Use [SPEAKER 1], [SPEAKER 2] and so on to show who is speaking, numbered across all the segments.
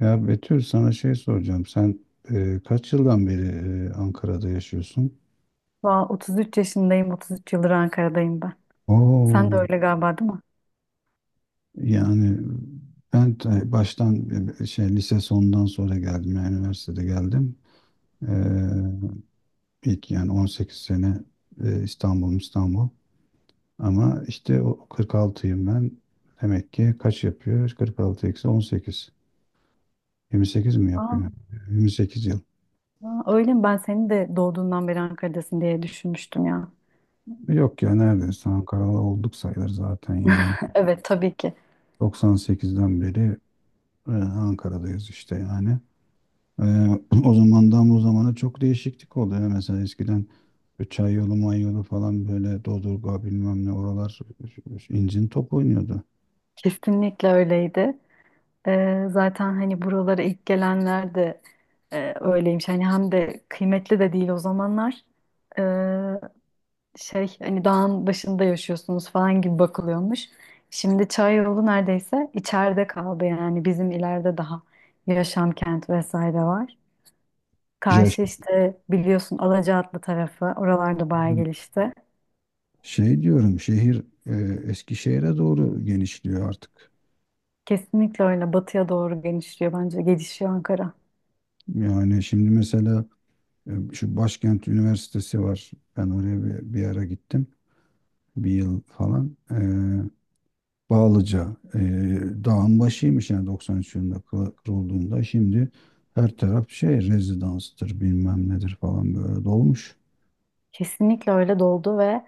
[SPEAKER 1] Ya Betül, sana şey soracağım. Sen kaç yıldan beri Ankara'da yaşıyorsun?
[SPEAKER 2] Valla 33 yaşındayım, 33 yıldır Ankara'dayım ben. Sen
[SPEAKER 1] Oo,
[SPEAKER 2] de öyle galiba, değil mi?
[SPEAKER 1] yani ben baştan şey lise sonundan sonra geldim. Yani üniversitede geldim. E, ilk yani 18 sene İstanbul, İstanbul. Ama işte o 46'yım ben. Demek ki kaç yapıyor? 46 eksi 18. 28 mi
[SPEAKER 2] Aa,
[SPEAKER 1] yapıyor? 28 yıl.
[SPEAKER 2] öyle mi? Ben seni de doğduğundan beri Ankara'dasın diye düşünmüştüm ya.
[SPEAKER 1] Yok ya, neredeyse Ankaralı olduk sayılır zaten yani.
[SPEAKER 2] Evet, tabii ki.
[SPEAKER 1] 98'den beri Ankara'dayız işte yani. Ee, O zamandan bu zamana çok değişiklik oldu ya. Mesela eskiden bir çay yolu, may yolu falan böyle Dodurga bilmem ne oralar incin top oynuyordu.
[SPEAKER 2] Kesinlikle öyleydi. Zaten hani buralara ilk gelenler de öyleymiş. Hani hem de kıymetli de değil o zamanlar. Ee, hani dağın başında yaşıyorsunuz falan gibi bakılıyormuş. Şimdi Çayyolu neredeyse içeride kaldı, yani bizim ileride daha yaşam kent vesaire var.
[SPEAKER 1] Ya
[SPEAKER 2] Karşı işte biliyorsun, Alacaatlı tarafı, oralarda bayağı
[SPEAKER 1] şimdi
[SPEAKER 2] gelişti.
[SPEAKER 1] şey diyorum, şehir Eskişehir'e doğru genişliyor artık.
[SPEAKER 2] Kesinlikle öyle, batıya doğru genişliyor bence, gelişiyor Ankara.
[SPEAKER 1] Yani şimdi mesela şu Başkent Üniversitesi var. Ben oraya bir ara gittim. Bir yıl falan. Bağlıca dağın başıymış yani 93 yılında kurulduğunda şimdi her taraf şey rezidanstır bilmem nedir falan böyle dolmuş.
[SPEAKER 2] Kesinlikle öyle doldu ve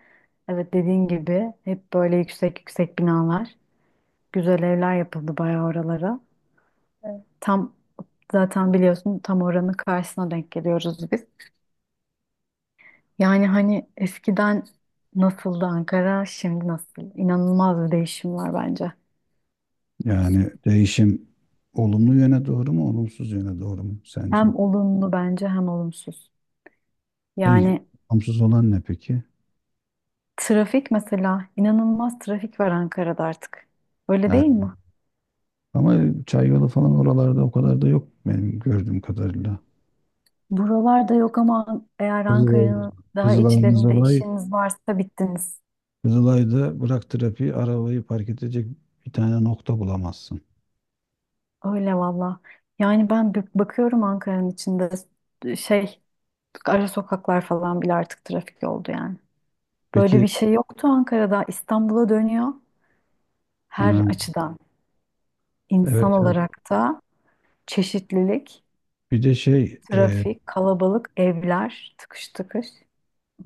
[SPEAKER 2] evet, dediğin gibi hep böyle yüksek yüksek binalar, güzel evler yapıldı bayağı oralara. Tam, zaten biliyorsun, tam oranın karşısına denk geliyoruz biz. Yani hani eskiden nasıldı Ankara, şimdi nasıl? İnanılmaz bir değişim var bence.
[SPEAKER 1] Yani değişim olumlu yöne doğru mu, olumsuz yöne doğru mu sence?
[SPEAKER 2] Hem olumlu bence, hem olumsuz.
[SPEAKER 1] Peki,
[SPEAKER 2] Yani
[SPEAKER 1] olumsuz olan ne peki?
[SPEAKER 2] trafik mesela, inanılmaz trafik var Ankara'da artık. Öyle
[SPEAKER 1] Ha,
[SPEAKER 2] değil mi?
[SPEAKER 1] ama Çayyolu falan oralarda o kadar da yok benim gördüğüm kadarıyla.
[SPEAKER 2] Buralarda yok ama eğer
[SPEAKER 1] Kızılay,
[SPEAKER 2] Ankara'nın daha
[SPEAKER 1] Kızılay,
[SPEAKER 2] içlerinde
[SPEAKER 1] Kızılay,
[SPEAKER 2] işiniz varsa bittiniz.
[SPEAKER 1] Kızılay'da bırak trafiği, arabayı park edecek bir tane nokta bulamazsın.
[SPEAKER 2] Öyle valla. Yani ben bakıyorum Ankara'nın içinde şey ara sokaklar falan bile artık trafik oldu yani. Böyle
[SPEAKER 1] Peki,
[SPEAKER 2] bir şey yoktu Ankara'da. İstanbul'a dönüyor her
[SPEAKER 1] ha,
[SPEAKER 2] açıdan. İnsan
[SPEAKER 1] evet, evet.
[SPEAKER 2] olarak da çeşitlilik.
[SPEAKER 1] Bir de şey
[SPEAKER 2] Trafik, kalabalık, evler, tıkış tıkış.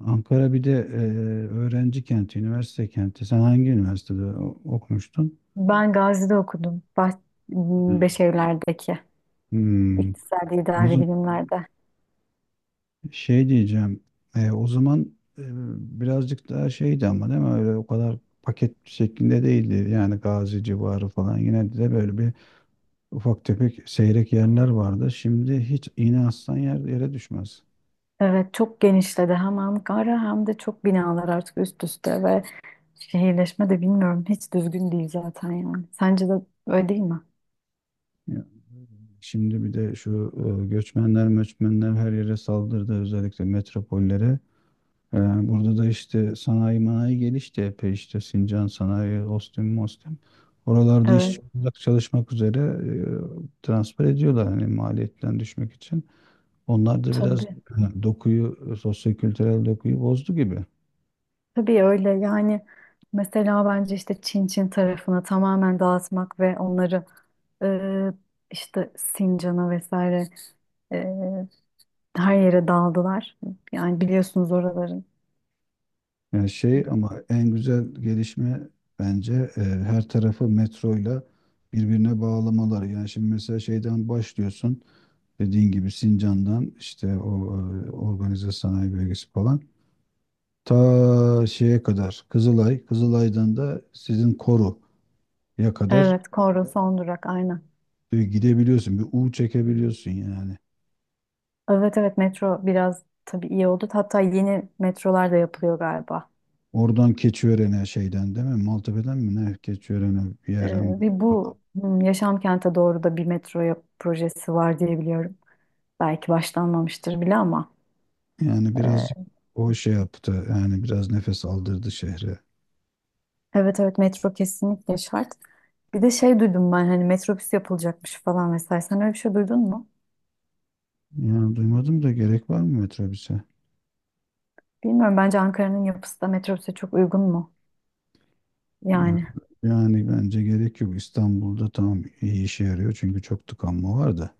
[SPEAKER 1] Ankara bir de öğrenci kenti, üniversite kenti. Sen hangi üniversitede okumuştun?
[SPEAKER 2] Ben Gazi'de okudum. Beşevler'deki
[SPEAKER 1] Hmm.
[SPEAKER 2] iktisadi
[SPEAKER 1] O
[SPEAKER 2] idari
[SPEAKER 1] zaman
[SPEAKER 2] bilimlerde.
[SPEAKER 1] şey diyeceğim. O zaman e, birazcık daha şeydi ama, değil mi? Öyle o kadar paket şeklinde değildi. Yani Gazi civarı falan. Yine de böyle bir ufak tefek seyrek yerler vardı. Şimdi hiç iğne aslan yer, yere düşmez.
[SPEAKER 2] Evet çok genişledi, hem Ankara hem de çok binalar artık üst üste, ve şehirleşme de bilmiyorum, hiç düzgün değil zaten yani. Sence de öyle değil mi?
[SPEAKER 1] Ya, şimdi bir de şu göçmenler, göçmenler her yere saldırdı, özellikle metropollere. Ee, Burada da işte sanayi manayi gelişti epey, işte Sincan sanayi, Ostim, Mostim. Oralarda işçi
[SPEAKER 2] Evet,
[SPEAKER 1] olarak çalışmak üzere transfer ediyorlar hani maliyetten düşmek için. Onlar da biraz
[SPEAKER 2] tabii.
[SPEAKER 1] dokuyu, kültürel dokuyu bozdu gibi.
[SPEAKER 2] Tabii öyle yani, mesela bence işte Çin Çin tarafını tamamen dağıtmak ve onları e, işte Sincan'a vesaire. Her yere dağıldılar. Yani biliyorsunuz oraların.
[SPEAKER 1] Yani şey, ama en güzel gelişme bence her tarafı metroyla birbirine bağlamaları. Yani şimdi mesela şeyden başlıyorsun, dediğin gibi Sincan'dan işte o organize sanayi bölgesi falan. Ta şeye kadar Kızılay, Kızılay'dan da sizin Koru'ya kadar
[SPEAKER 2] Evet, Korun son durak aynen.
[SPEAKER 1] gidebiliyorsun. Bir U çekebiliyorsun yani.
[SPEAKER 2] Evet, evet, metro biraz tabii iyi oldu. Hatta yeni metrolar da yapılıyor galiba.
[SPEAKER 1] Oradan Keçiören'e, şeyden, değil mi? Maltepe'den mi ne? Keçiören'e bir
[SPEAKER 2] Ee,
[SPEAKER 1] yerden.
[SPEAKER 2] Ve bu Yaşam Kent'e doğru da bir metro projesi var diye biliyorum. Belki başlanmamıştır bile ama.
[SPEAKER 1] Yani birazcık
[SPEAKER 2] e,
[SPEAKER 1] o şey yaptı. Yani biraz nefes aldırdı şehre.
[SPEAKER 2] evet, evet, metro kesinlikle şart. Bir de şey duydum ben, hani metrobüs yapılacakmış falan vesaire. Sen öyle bir şey duydun mu?
[SPEAKER 1] Yani duymadım da, gerek var mı metrobüse?
[SPEAKER 2] Bilmiyorum, bence Ankara'nın yapısı da metrobüse çok uygun mu?
[SPEAKER 1] Ya,
[SPEAKER 2] Yani.
[SPEAKER 1] yani bence gerek yok. İstanbul'da tamam, iyi işe yarıyor çünkü çok tıkanma var da.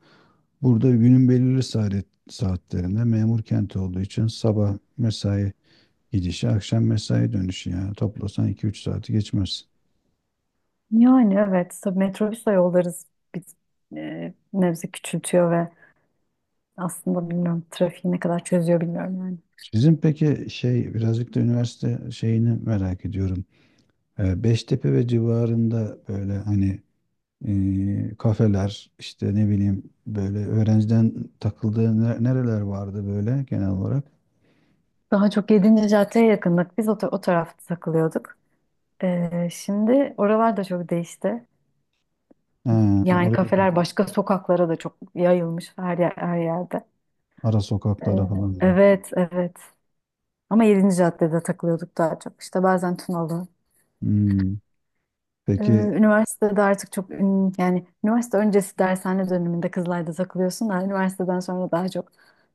[SPEAKER 1] Burada günün belirli saatlerinde memur kenti olduğu için sabah mesai gidişi, akşam mesai dönüşü, yani toplasan iki üç saati geçmez.
[SPEAKER 2] Yani evet, tabii metrobüsle yollarız biz, nebze küçültüyor ve aslında bilmiyorum trafiği ne kadar çözüyor, bilmiyorum yani.
[SPEAKER 1] Sizin peki şey birazcık da üniversite şeyini merak ediyorum. Beştepe ve civarında böyle hani kafeler işte, ne bileyim, böyle öğrenciden takıldığı nereler vardı böyle genel olarak?
[SPEAKER 2] Daha çok yedinci caddeye yakındık. Biz o, o tarafta takılıyorduk. Şimdi oralar da çok değişti.
[SPEAKER 1] Ha,
[SPEAKER 2] Yani
[SPEAKER 1] oraya,
[SPEAKER 2] kafeler başka sokaklara da çok yayılmış, her yer, her yerde.
[SPEAKER 1] ara
[SPEAKER 2] E,
[SPEAKER 1] sokaklara falan.
[SPEAKER 2] evet, evet. Ama yedinci caddede takılıyorduk daha çok. İşte bazen Tunalı.
[SPEAKER 1] Hmm, peki,
[SPEAKER 2] Üniversitede artık çok yani üniversite öncesi dershane döneminde Kızılay'da takılıyorsun da üniversiteden sonra daha çok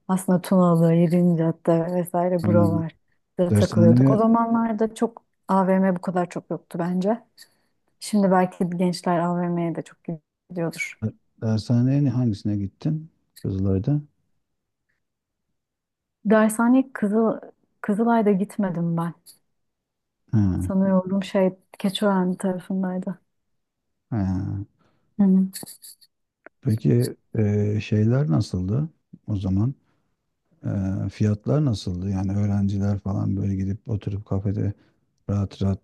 [SPEAKER 2] aslında Tunalı, yedinci cadde vesaire
[SPEAKER 1] hani,
[SPEAKER 2] buralarda takılıyorduk. O
[SPEAKER 1] dershaneye.
[SPEAKER 2] zamanlarda çok AVM bu kadar çok yoktu bence. Şimdi belki gençler AVM'ye de çok gidiyordur.
[SPEAKER 1] Hangisine gittin? Kızılay'da.
[SPEAKER 2] Dershane Kızıl Kızılay'da gitmedim ben.
[SPEAKER 1] Ha.
[SPEAKER 2] Sanıyorum Keçiören tarafındaydı.
[SPEAKER 1] Ha.
[SPEAKER 2] Hı hı.
[SPEAKER 1] Peki şeyler nasıldı o zaman? Fiyatlar nasıldı? Yani öğrenciler falan böyle gidip oturup kafede rahat rahat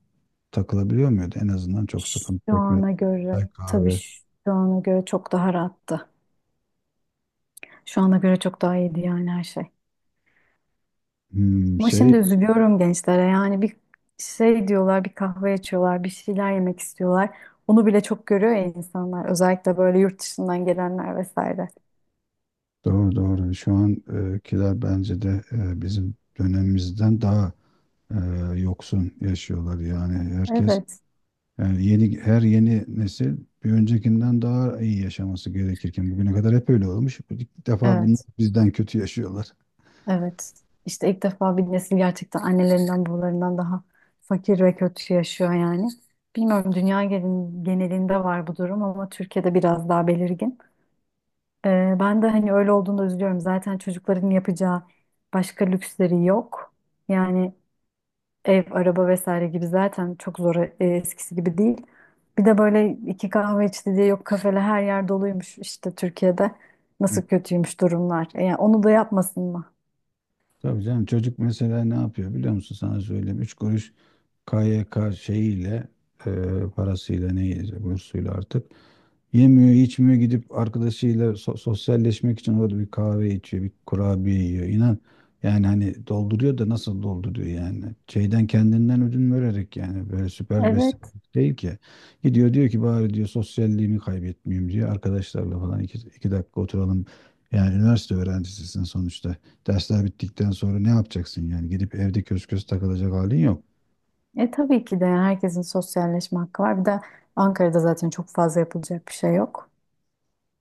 [SPEAKER 1] takılabiliyor muydu? En azından çok sıkıntı
[SPEAKER 2] Şu
[SPEAKER 1] çekmedi.
[SPEAKER 2] ana
[SPEAKER 1] Çay,
[SPEAKER 2] göre tabii,
[SPEAKER 1] kahve.
[SPEAKER 2] şu ana göre çok daha rahattı. Şu ana göre çok daha iyiydi yani her şey.
[SPEAKER 1] Hmm,
[SPEAKER 2] Ama
[SPEAKER 1] şey,
[SPEAKER 2] şimdi üzülüyorum gençlere, yani bir şey diyorlar, bir kahve içiyorlar, bir şeyler yemek istiyorlar. Onu bile çok görüyor ya insanlar. Özellikle böyle yurt dışından gelenler vesaire.
[SPEAKER 1] doğru doğru. Şu ankiler bence de bizim dönemimizden daha e, yoksun yaşıyorlar. Yani herkes
[SPEAKER 2] Evet,
[SPEAKER 1] Yani her yeni nesil bir öncekinden daha iyi yaşaması gerekirken bugüne kadar hep öyle olmuş. İlk defa bunlar
[SPEAKER 2] evet,
[SPEAKER 1] bizden kötü yaşıyorlar.
[SPEAKER 2] evet. İşte ilk defa bir nesil gerçekten annelerinden, babalarından daha fakir ve kötü yaşıyor yani. Bilmiyorum dünya genelinde var bu durum ama Türkiye'de biraz daha belirgin. Ben de hani öyle olduğunda üzülüyorum. Zaten çocukların yapacağı başka lüksleri yok. Yani ev, araba vesaire gibi zaten çok zor, eskisi gibi değil. Bir de böyle iki kahve içti diye yok kafele her yer doluymuş işte Türkiye'de. Nasıl
[SPEAKER 1] Yani,
[SPEAKER 2] kötüymüş durumlar. Yani onu da yapmasın mı?
[SPEAKER 1] tabii canım, çocuk mesela ne yapıyor biliyor musun, sana söyleyeyim. Üç kuruş KYK şeyiyle e, parasıyla, neyse, bursuyla artık yemiyor, içmiyor, gidip arkadaşıyla sosyalleşmek için orada bir kahve içiyor, bir kurabiye yiyor. İnan, yani hani dolduruyor da nasıl dolduruyor yani. Şeyden, kendinden ödün vererek, yani böyle süper
[SPEAKER 2] Evet.
[SPEAKER 1] beslenmek değil ki. Gidiyor diyor ki, bari diyor, sosyalliğimi kaybetmeyeyim diyor. Arkadaşlarla falan iki dakika oturalım. Yani üniversite öğrencisisin sonuçta. Dersler bittikten sonra ne yapacaksın yani? Gidip evde kös kös takılacak halin yok.
[SPEAKER 2] Tabii ki de, yani herkesin sosyalleşme hakkı var. Bir de Ankara'da zaten çok fazla yapılacak bir şey yok.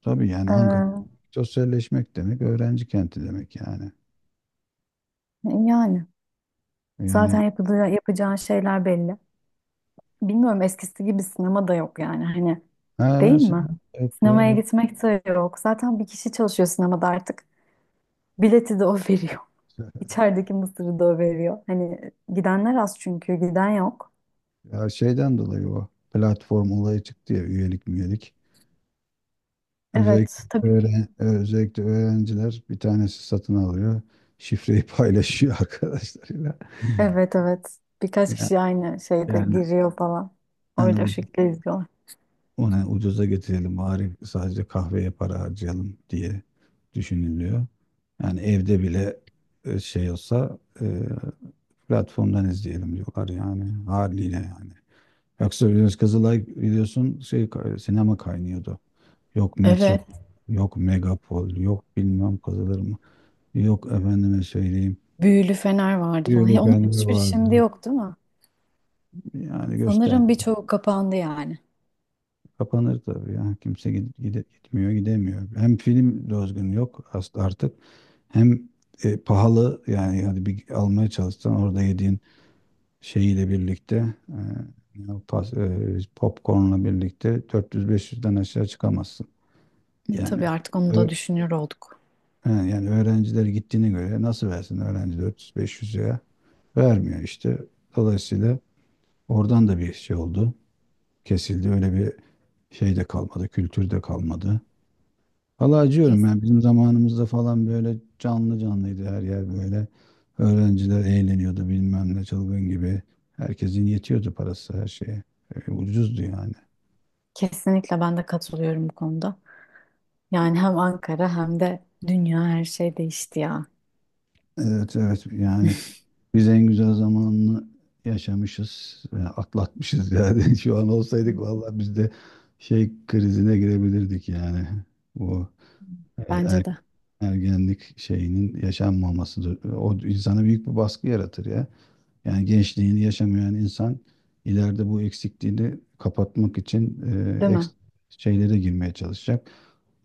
[SPEAKER 1] Tabii yani, Ankara
[SPEAKER 2] Ee,
[SPEAKER 1] sosyalleşmek demek, öğrenci kenti demek yani.
[SPEAKER 2] Yani zaten
[SPEAKER 1] Yani,
[SPEAKER 2] yapılacağı, yapacağın şeyler belli. Bilmiyorum eskisi gibi sinema da yok yani hani,
[SPEAKER 1] ha,
[SPEAKER 2] değil mi?
[SPEAKER 1] yok
[SPEAKER 2] Sinemaya
[SPEAKER 1] ya.
[SPEAKER 2] gitmek de yok. Zaten bir kişi çalışıyor sinemada artık. Bileti de o veriyor.
[SPEAKER 1] Evet.
[SPEAKER 2] İçerideki mısırı da o veriyor. Hani gidenler az çünkü giden yok.
[SPEAKER 1] Ya, şeyden dolayı o platform olayı çıktı ya, üyelik, üyelik. Özellikle,
[SPEAKER 2] Evet, tabii.
[SPEAKER 1] öğren, evet, özellikle öğrenciler bir tanesi satın alıyor. Şifreyi paylaşıyor arkadaşlarıyla.
[SPEAKER 2] Evet, evet. Birkaç
[SPEAKER 1] Ya-
[SPEAKER 2] kişi aynı şeyde
[SPEAKER 1] Yani
[SPEAKER 2] giriyor falan.
[SPEAKER 1] hani
[SPEAKER 2] Öyle o
[SPEAKER 1] bu
[SPEAKER 2] şekilde izliyorlar.
[SPEAKER 1] ona ucuza getirelim, bari sadece kahveye para harcayalım diye düşünülüyor. Yani evde bile şey olsa, platformdan izleyelim diyorlar yani, haliyle yani. Yoksa biliyorsun Kızılay, biliyorsun şey sinema kaynıyordu. Yok metro,
[SPEAKER 2] Evet.
[SPEAKER 1] yok megapol, yok bilmem kazılır mı. Yok efendime söyleyeyim.
[SPEAKER 2] Büyülü fener vardı
[SPEAKER 1] Buyurun
[SPEAKER 2] falan. Ya onun
[SPEAKER 1] efendime
[SPEAKER 2] hiçbir şimdi
[SPEAKER 1] vardı.
[SPEAKER 2] yok, değil mi?
[SPEAKER 1] Yani göster.
[SPEAKER 2] Sanırım birçoğu kapandı yani.
[SPEAKER 1] Kapanır tabii ya. Kimse gitmiyor, gidemiyor. Hem film dozgun yok aslında artık. Hem pahalı, yani hadi bir almaya çalışsan orada yediğin şeyiyle birlikte e, popcornla birlikte 400-500'den aşağı çıkamazsın. Yani,
[SPEAKER 2] Tabii artık onu da düşünür olduk.
[SPEAKER 1] he, yani öğrenciler gittiğine göre, nasıl versin öğrenci, 400-500 liraya vermiyor işte. Dolayısıyla oradan da bir şey oldu. Kesildi. Öyle bir şey de kalmadı. Kültür de kalmadı. Valla acıyorum
[SPEAKER 2] Kes-
[SPEAKER 1] yani, bizim zamanımızda falan böyle canlı canlıydı her yer böyle. Öğrenciler eğleniyordu bilmem ne, çılgın gibi. Herkesin yetiyordu parası her şeye. Ucuzdu yani.
[SPEAKER 2] Kesinlikle ben de katılıyorum bu konuda. Yani hem Ankara hem de dünya, her şey değişti ya.
[SPEAKER 1] Evet, evet, yani biz en güzel zamanını yaşamışız, atlatmışız yani. Şu an olsaydık, vallahi biz de şey krizine girebilirdik yani. Bu e,
[SPEAKER 2] Bence
[SPEAKER 1] er-
[SPEAKER 2] de.
[SPEAKER 1] ergenlik şeyinin yaşanmaması da- o insana büyük bir baskı yaratır ya. Yani gençliğini yaşamayan insan ileride bu eksikliğini kapatmak için
[SPEAKER 2] Değil mi?
[SPEAKER 1] eks- şeylere girmeye çalışacak.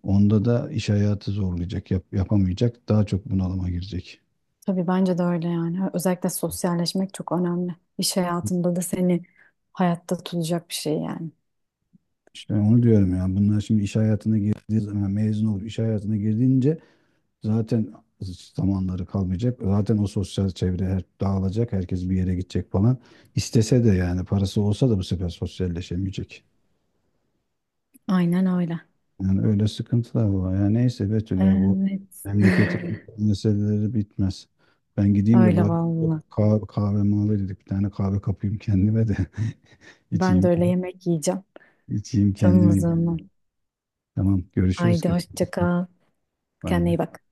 [SPEAKER 1] Onda da iş hayatı zorlayacak, yapamayacak, daha çok bunalıma girecek.
[SPEAKER 2] Tabii bence de öyle yani. Özellikle sosyalleşmek çok önemli. İş hayatında da seni hayatta tutacak bir şey yani.
[SPEAKER 1] İşte onu diyorum yani, bunlar şimdi iş hayatına girdiği zaman, yani mezun olup iş hayatına girdiğince zaten zamanları kalmayacak. Zaten o sosyal çevre dağılacak. Herkes bir yere gidecek falan. İstese de, yani parası olsa da, bu sefer sosyalleşemeyecek.
[SPEAKER 2] Aynen öyle.
[SPEAKER 1] Yani öyle sıkıntılar var. Yani neyse Betül ya, bu
[SPEAKER 2] Evet.
[SPEAKER 1] memleketin meseleleri bitmez. Ben gideyim de
[SPEAKER 2] Öyle
[SPEAKER 1] bari
[SPEAKER 2] vallahi.
[SPEAKER 1] kahve, kahve mavi dedik, bir tane kahve kapayım kendime de
[SPEAKER 2] Ben de
[SPEAKER 1] içeyim,
[SPEAKER 2] öyle yemek yiyeceğim.
[SPEAKER 1] içeyim
[SPEAKER 2] Tamam, o
[SPEAKER 1] kendime.
[SPEAKER 2] zaman.
[SPEAKER 1] Tamam, görüşürüz.
[SPEAKER 2] Haydi
[SPEAKER 1] Kendine iyi
[SPEAKER 2] hoşça
[SPEAKER 1] bak.
[SPEAKER 2] kal.
[SPEAKER 1] Bay
[SPEAKER 2] Kendine
[SPEAKER 1] bay.
[SPEAKER 2] iyi bak.